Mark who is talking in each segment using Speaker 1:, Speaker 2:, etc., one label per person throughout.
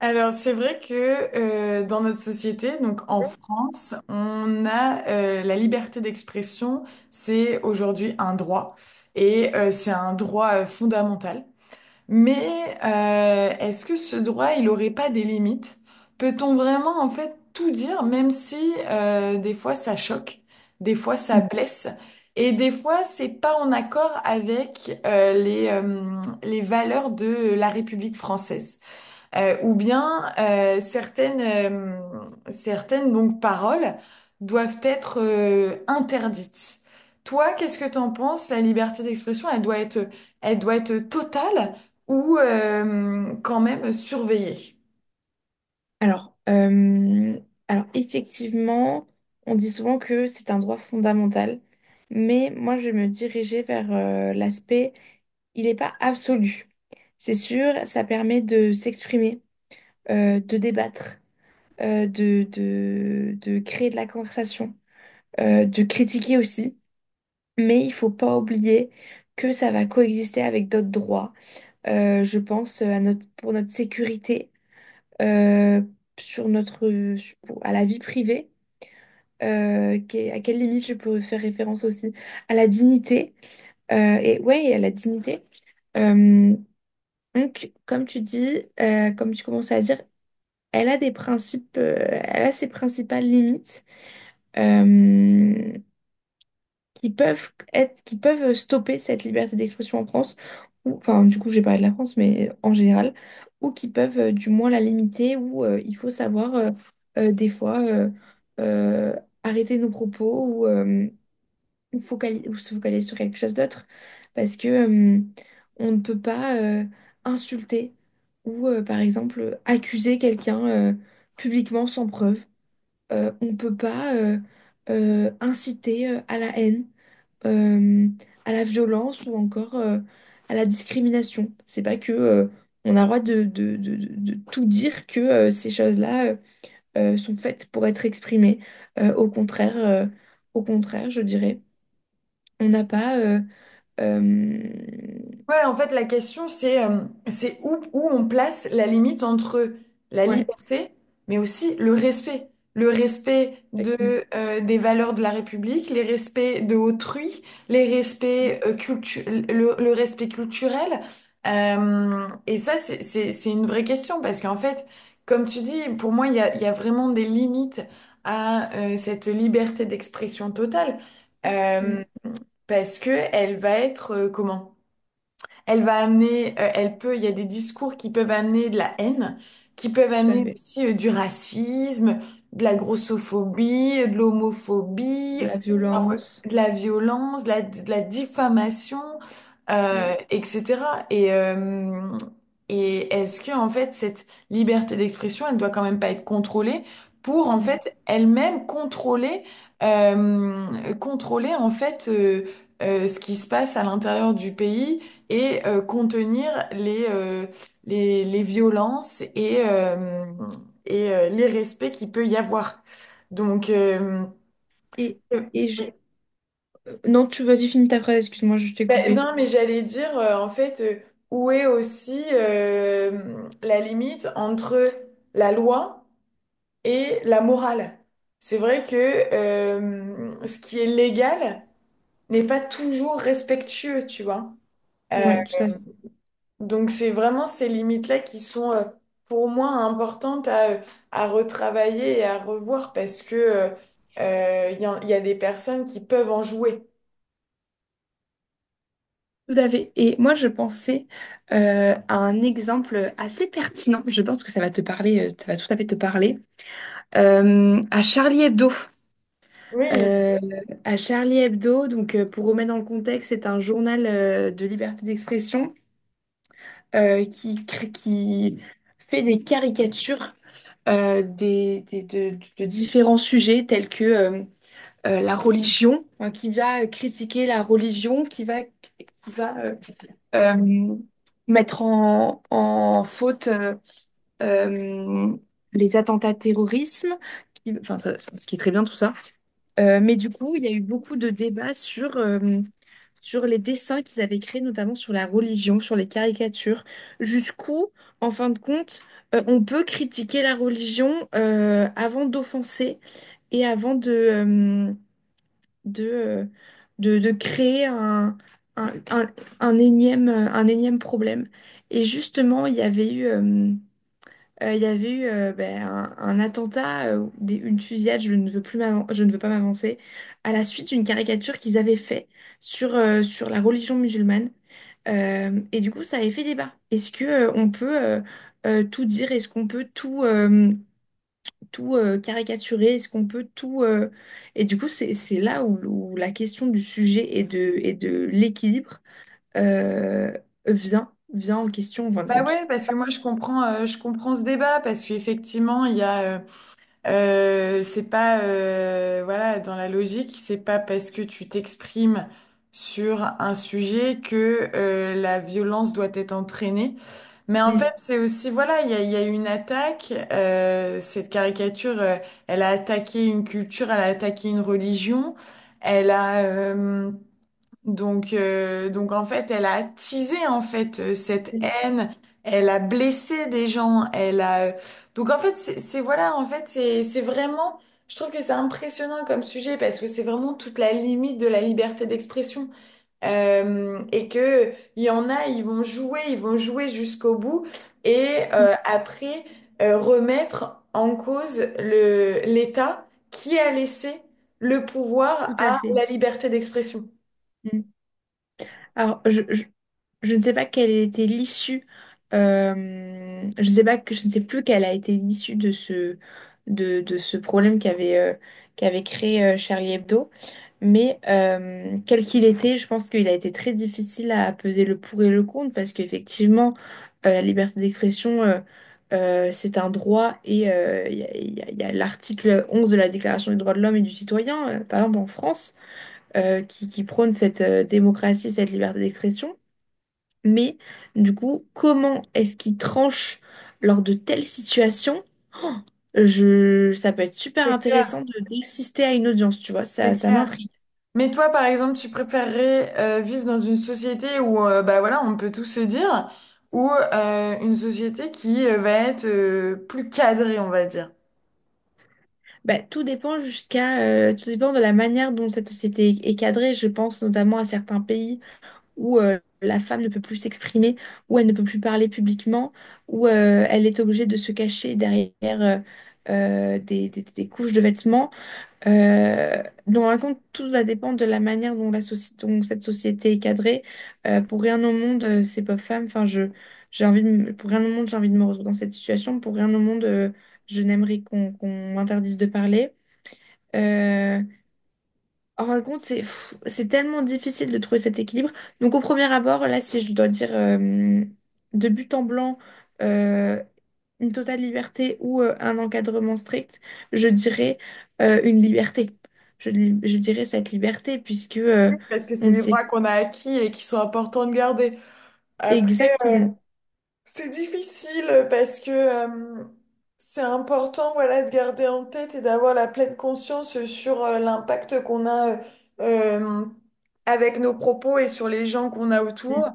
Speaker 1: Alors, c'est vrai que dans notre société, donc en France, on a la liberté d'expression, c'est aujourd'hui un droit et c'est un droit fondamental. Mais est-ce que ce droit, il aurait pas des limites? Peut-on vraiment en fait tout dire, même si des fois ça choque, des fois ça blesse et des fois c'est pas en accord avec les valeurs de la République française? Ou bien certaines, certaines donc, paroles doivent être interdites. Toi, qu'est-ce que t'en penses? La liberté d'expression, elle doit être totale ou quand même surveillée?
Speaker 2: Alors, euh, alors, effectivement, on dit souvent que c'est un droit fondamental, mais moi, je vais me dirigeais vers l'aspect, il n'est pas absolu. C'est sûr, ça permet de s'exprimer, de débattre, de créer de la conversation, de critiquer aussi, mais il faut pas oublier que ça va coexister avec d'autres droits. Je pense à notre, pour notre sécurité. euh, Sur notre, à la vie privée, à quelle limite je peux faire référence aussi, à la dignité, et à la dignité. Euh, donc, comme tu dis, comme tu commençais à dire, elle a des principes, elle a ses principales limites. Euh, qui peuvent qui peuvent stopper cette liberté d'expression en France, ou enfin du coup j'ai parlé de la France, mais en général, ou qui peuvent du moins la limiter, ou il faut savoir des fois euh, arrêter nos propos ou ou se focaliser sur quelque chose d'autre, parce que on ne peut pas insulter ou par exemple accuser quelqu'un publiquement sans preuve. On ne peut pas inciter à la haine euh, à la violence ou encore à la discrimination. C'est pas que on a le droit de tout dire que ces choses-là sont faites pour être exprimées. Euh, au contraire, euh, au contraire, je dirais, on n'a pas. Euh,
Speaker 1: Ouais, en fait, la question, c'est où, où on place la limite entre la
Speaker 2: ouais,
Speaker 1: liberté, mais aussi le respect. Le respect
Speaker 2: exactement.
Speaker 1: de, des valeurs de la République, les respects de autrui, les respects,
Speaker 2: Mm,
Speaker 1: euh, cultu- le respect culturel. Et ça, c'est une vraie question parce qu'en fait, comme tu dis, pour moi, il y a vraiment des limites à cette liberté d'expression totale
Speaker 2: mm,
Speaker 1: euh, parce que elle va être, comment? Elle va amener, elle peut, il y a des discours qui peuvent amener de la haine, qui peuvent
Speaker 2: tout à
Speaker 1: amener
Speaker 2: fait.
Speaker 1: aussi du racisme, de la grossophobie, de l'homophobie,
Speaker 2: De la
Speaker 1: enfin, ouais,
Speaker 2: violence.
Speaker 1: de la violence, de la diffamation,
Speaker 2: Mm,
Speaker 1: etc. Et et est-ce que, en fait, cette liberté d'expression, elle doit quand même pas être contrôlée pour, en
Speaker 2: mm.
Speaker 1: fait, elle-même contrôler, contrôler, en fait, ce qui se passe à l'intérieur du pays et contenir les, les violences et l'irrespect qu'il peut y avoir. Donc, euh,
Speaker 2: Et,
Speaker 1: euh,
Speaker 2: et je-
Speaker 1: oui.
Speaker 2: Non, tu vas-y, finis ta phrase, excuse-moi, je t'ai
Speaker 1: Ben,
Speaker 2: coupé.
Speaker 1: non, mais j'allais dire, en fait, où est aussi la limite entre la loi et la morale? C'est vrai que ce qui est légal n'est pas toujours respectueux, tu vois. Euh,
Speaker 2: Ouais, tout à fait.
Speaker 1: Donc c'est vraiment ces limites-là qui sont pour moi importantes à retravailler et à revoir parce que il y a des personnes qui peuvent en jouer.
Speaker 2: Tout à fait. Et moi, je pensais à un exemple assez pertinent. Je pense que ça va te parler, ça va tout à fait te parler. À Charlie Hebdo.
Speaker 1: Oui.
Speaker 2: Euh, à Charlie Hebdo, donc pour remettre dans le contexte, c'est un journal de liberté d'expression qui fait des caricatures de différents sujets tels que la religion, hein, qui va critiquer la religion, qui va euh, mettre en faute euh, les attentats terrorisme, enfin, ce qui est très bien tout ça. Mais du coup, il y a eu beaucoup de débats sur, sur les dessins qu'ils avaient créés, notamment sur la religion, sur les caricatures, jusqu'où, en fin de compte, on peut critiquer la religion avant d'offenser et avant de, euh, de créer un, un- un énième problème. Et justement, il y avait eu ben, un attentat, une fusillade, je ne veux pas m'avancer, à la suite d'une caricature qu'ils avaient fait sur, sur la religion musulmane. Et du coup, ça avait fait débat. Est-ce que, on peut tout dire? Est-ce qu'on peut tout... tout caricaturer? Est-ce qu'on peut tout... Et du coup, c'est là où, où la question du sujet et de l'équilibre euh, vient en question en fin de
Speaker 1: Bah
Speaker 2: compte.
Speaker 1: ouais, parce que moi je comprends ce débat parce qu'effectivement il y a, c'est pas, voilà, dans la logique, c'est pas parce que tu t'exprimes sur un sujet que la violence doit être entraînée. Mais en fait,
Speaker 2: Mm.
Speaker 1: c'est aussi, voilà, il y a eu une attaque. Cette caricature, elle a attaqué une culture, elle a attaqué une religion. Elle a donc en fait, elle a attisé en fait cette
Speaker 2: Mm.
Speaker 1: haine. Elle a blessé des gens. Elle a donc en fait, voilà, en fait, c'est vraiment. Je trouve que c'est impressionnant comme sujet parce que c'est vraiment toute la limite de la liberté d'expression. Et que il y en a, ils vont jouer jusqu'au bout et après remettre en cause le l'État qui a laissé le pouvoir
Speaker 2: Tout à
Speaker 1: à
Speaker 2: fait.
Speaker 1: la liberté d'expression.
Speaker 2: Mm. Alors, je ne sais pas quelle était l'issue. Je ne sais plus quelle a été l'issue de ce, de ce problème qu'avait qu'avait créé Charlie Hebdo. Mais quel qu'il était, je pense qu'il a été très difficile à peser le pour et le contre parce qu'effectivement, la liberté d'expression, c'est un droit et il y a, il y a l'article 11 de la Déclaration des droits de l'homme et du citoyen, par exemple en France, qui prône cette démocratie, cette liberté d'expression. Mais du coup, comment est-ce qu'il tranche lors de telles situations? Ça peut être super
Speaker 1: C'est clair,
Speaker 2: intéressant d'assister à une audience, tu vois,
Speaker 1: c'est
Speaker 2: ça
Speaker 1: clair.
Speaker 2: m'intrigue.
Speaker 1: Mais toi, par exemple, tu préférerais vivre dans une société où, bah voilà, on peut tout se dire, ou une société qui va être plus cadrée, on va dire.
Speaker 2: Bah, tout dépend de la manière dont cette société est cadrée. Je pense notamment à certains pays où la femme ne peut plus s'exprimer, où elle ne peut plus parler publiquement, où elle est obligée de se cacher derrière des couches de vêtements. Donc, en fin de compte, tout va dépendre de la manière dont, dont cette société est cadrée. Pour rien au monde, ces pauvres femmes, enfin, je, j'ai envie de me- pour rien au monde, j'ai envie de me retrouver dans cette situation. Pour rien au monde, je n'aimerais qu'on m'interdise de parler. Euh, En fin de compte, c'est pff, c'est tellement difficile de trouver cet équilibre. Donc au premier abord, là, si je dois dire de but en blanc, euh, une totale liberté ou un encadrement strict, je dirais une liberté. Je dirais cette liberté puisque
Speaker 1: Parce que
Speaker 2: on
Speaker 1: c'est
Speaker 2: ne
Speaker 1: des
Speaker 2: sait
Speaker 1: droits qu'on a acquis et qui sont importants de garder. Après,
Speaker 2: exactement,
Speaker 1: c'est difficile parce que c'est important voilà, de garder en tête et d'avoir la pleine conscience sur l'impact qu'on a euh, avec nos propos et sur les gens qu'on a autour.
Speaker 2: mm,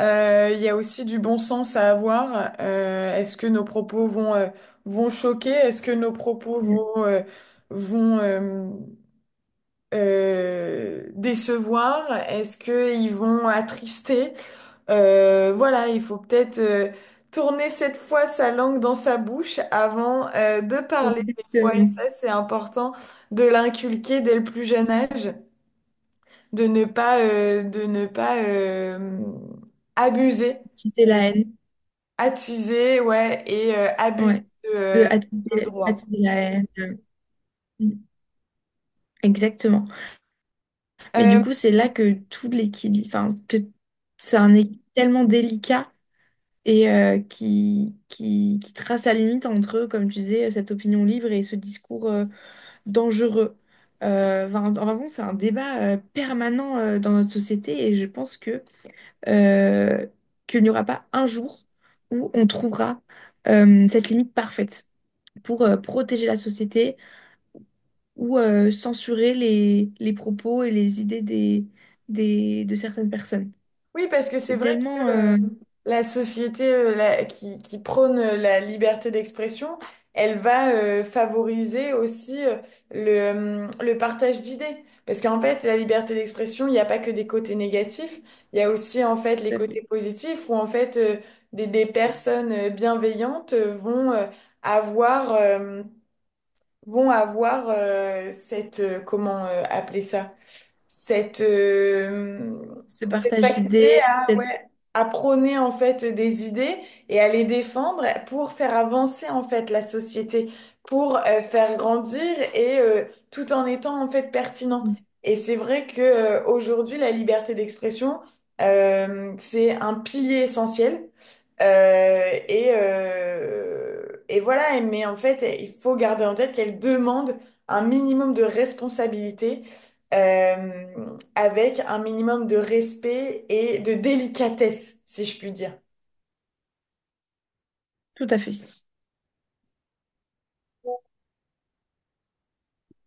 Speaker 1: Il y a aussi du bon sens à avoir. Est-ce que nos propos vont, vont choquer? Est-ce que nos propos
Speaker 2: mm,
Speaker 1: vont, vont, euh, décevoir? Est-ce qu'ils vont attrister? Voilà, il faut peut-être tourner cette fois sa langue dans sa bouche avant de parler des fois. Et
Speaker 2: exactement
Speaker 1: ça, c'est important de l'inculquer dès le plus jeune âge, de ne pas, abuser,
Speaker 2: si c'est la haine.
Speaker 1: attiser, ouais, et abuser
Speaker 2: Ouais.
Speaker 1: de
Speaker 2: De
Speaker 1: nos
Speaker 2: attiser,
Speaker 1: droits.
Speaker 2: attiser la haine. Mm, exactement. Mais du
Speaker 1: Euh,
Speaker 2: coup, c'est là que tout l'équilibre, enfin, que c'est un équilibre tellement délicat et qui trace la limite entre, comme tu disais, cette opinion libre et ce discours dangereux. Enfin, en fait, c'est un débat permanent dans notre société et je pense que euh, qu'il n'y aura pas un jour où on trouvera cette limite parfaite pour protéger la société ou censurer les propos et les idées des, de certaines personnes.
Speaker 1: Oui, parce que c'est
Speaker 2: C'est
Speaker 1: vrai
Speaker 2: tellement...
Speaker 1: que
Speaker 2: tout
Speaker 1: la société qui prône la liberté d'expression, elle va favoriser aussi le, le partage d'idées. Parce qu'en fait, la liberté d'expression, il n'y a pas que des côtés négatifs, il y a aussi en fait les
Speaker 2: à fait.
Speaker 1: côtés positifs où en fait des personnes bienveillantes vont avoir vont avoir cette, comment appeler ça? Cette,
Speaker 2: Ce
Speaker 1: cette
Speaker 2: partage
Speaker 1: faculté
Speaker 2: d'idées,
Speaker 1: à,
Speaker 2: cette...
Speaker 1: ouais, à prôner en fait des idées et à les défendre pour faire avancer en fait la société, pour faire grandir et tout en étant en fait pertinent. Et c'est vrai que aujourd'hui, la liberté d'expression, c'est un pilier essentiel. Et voilà, mais en fait, il faut garder en tête qu'elle demande un minimum de responsabilité avec un minimum de respect et de délicatesse, si je puis dire.
Speaker 2: Tout à fait.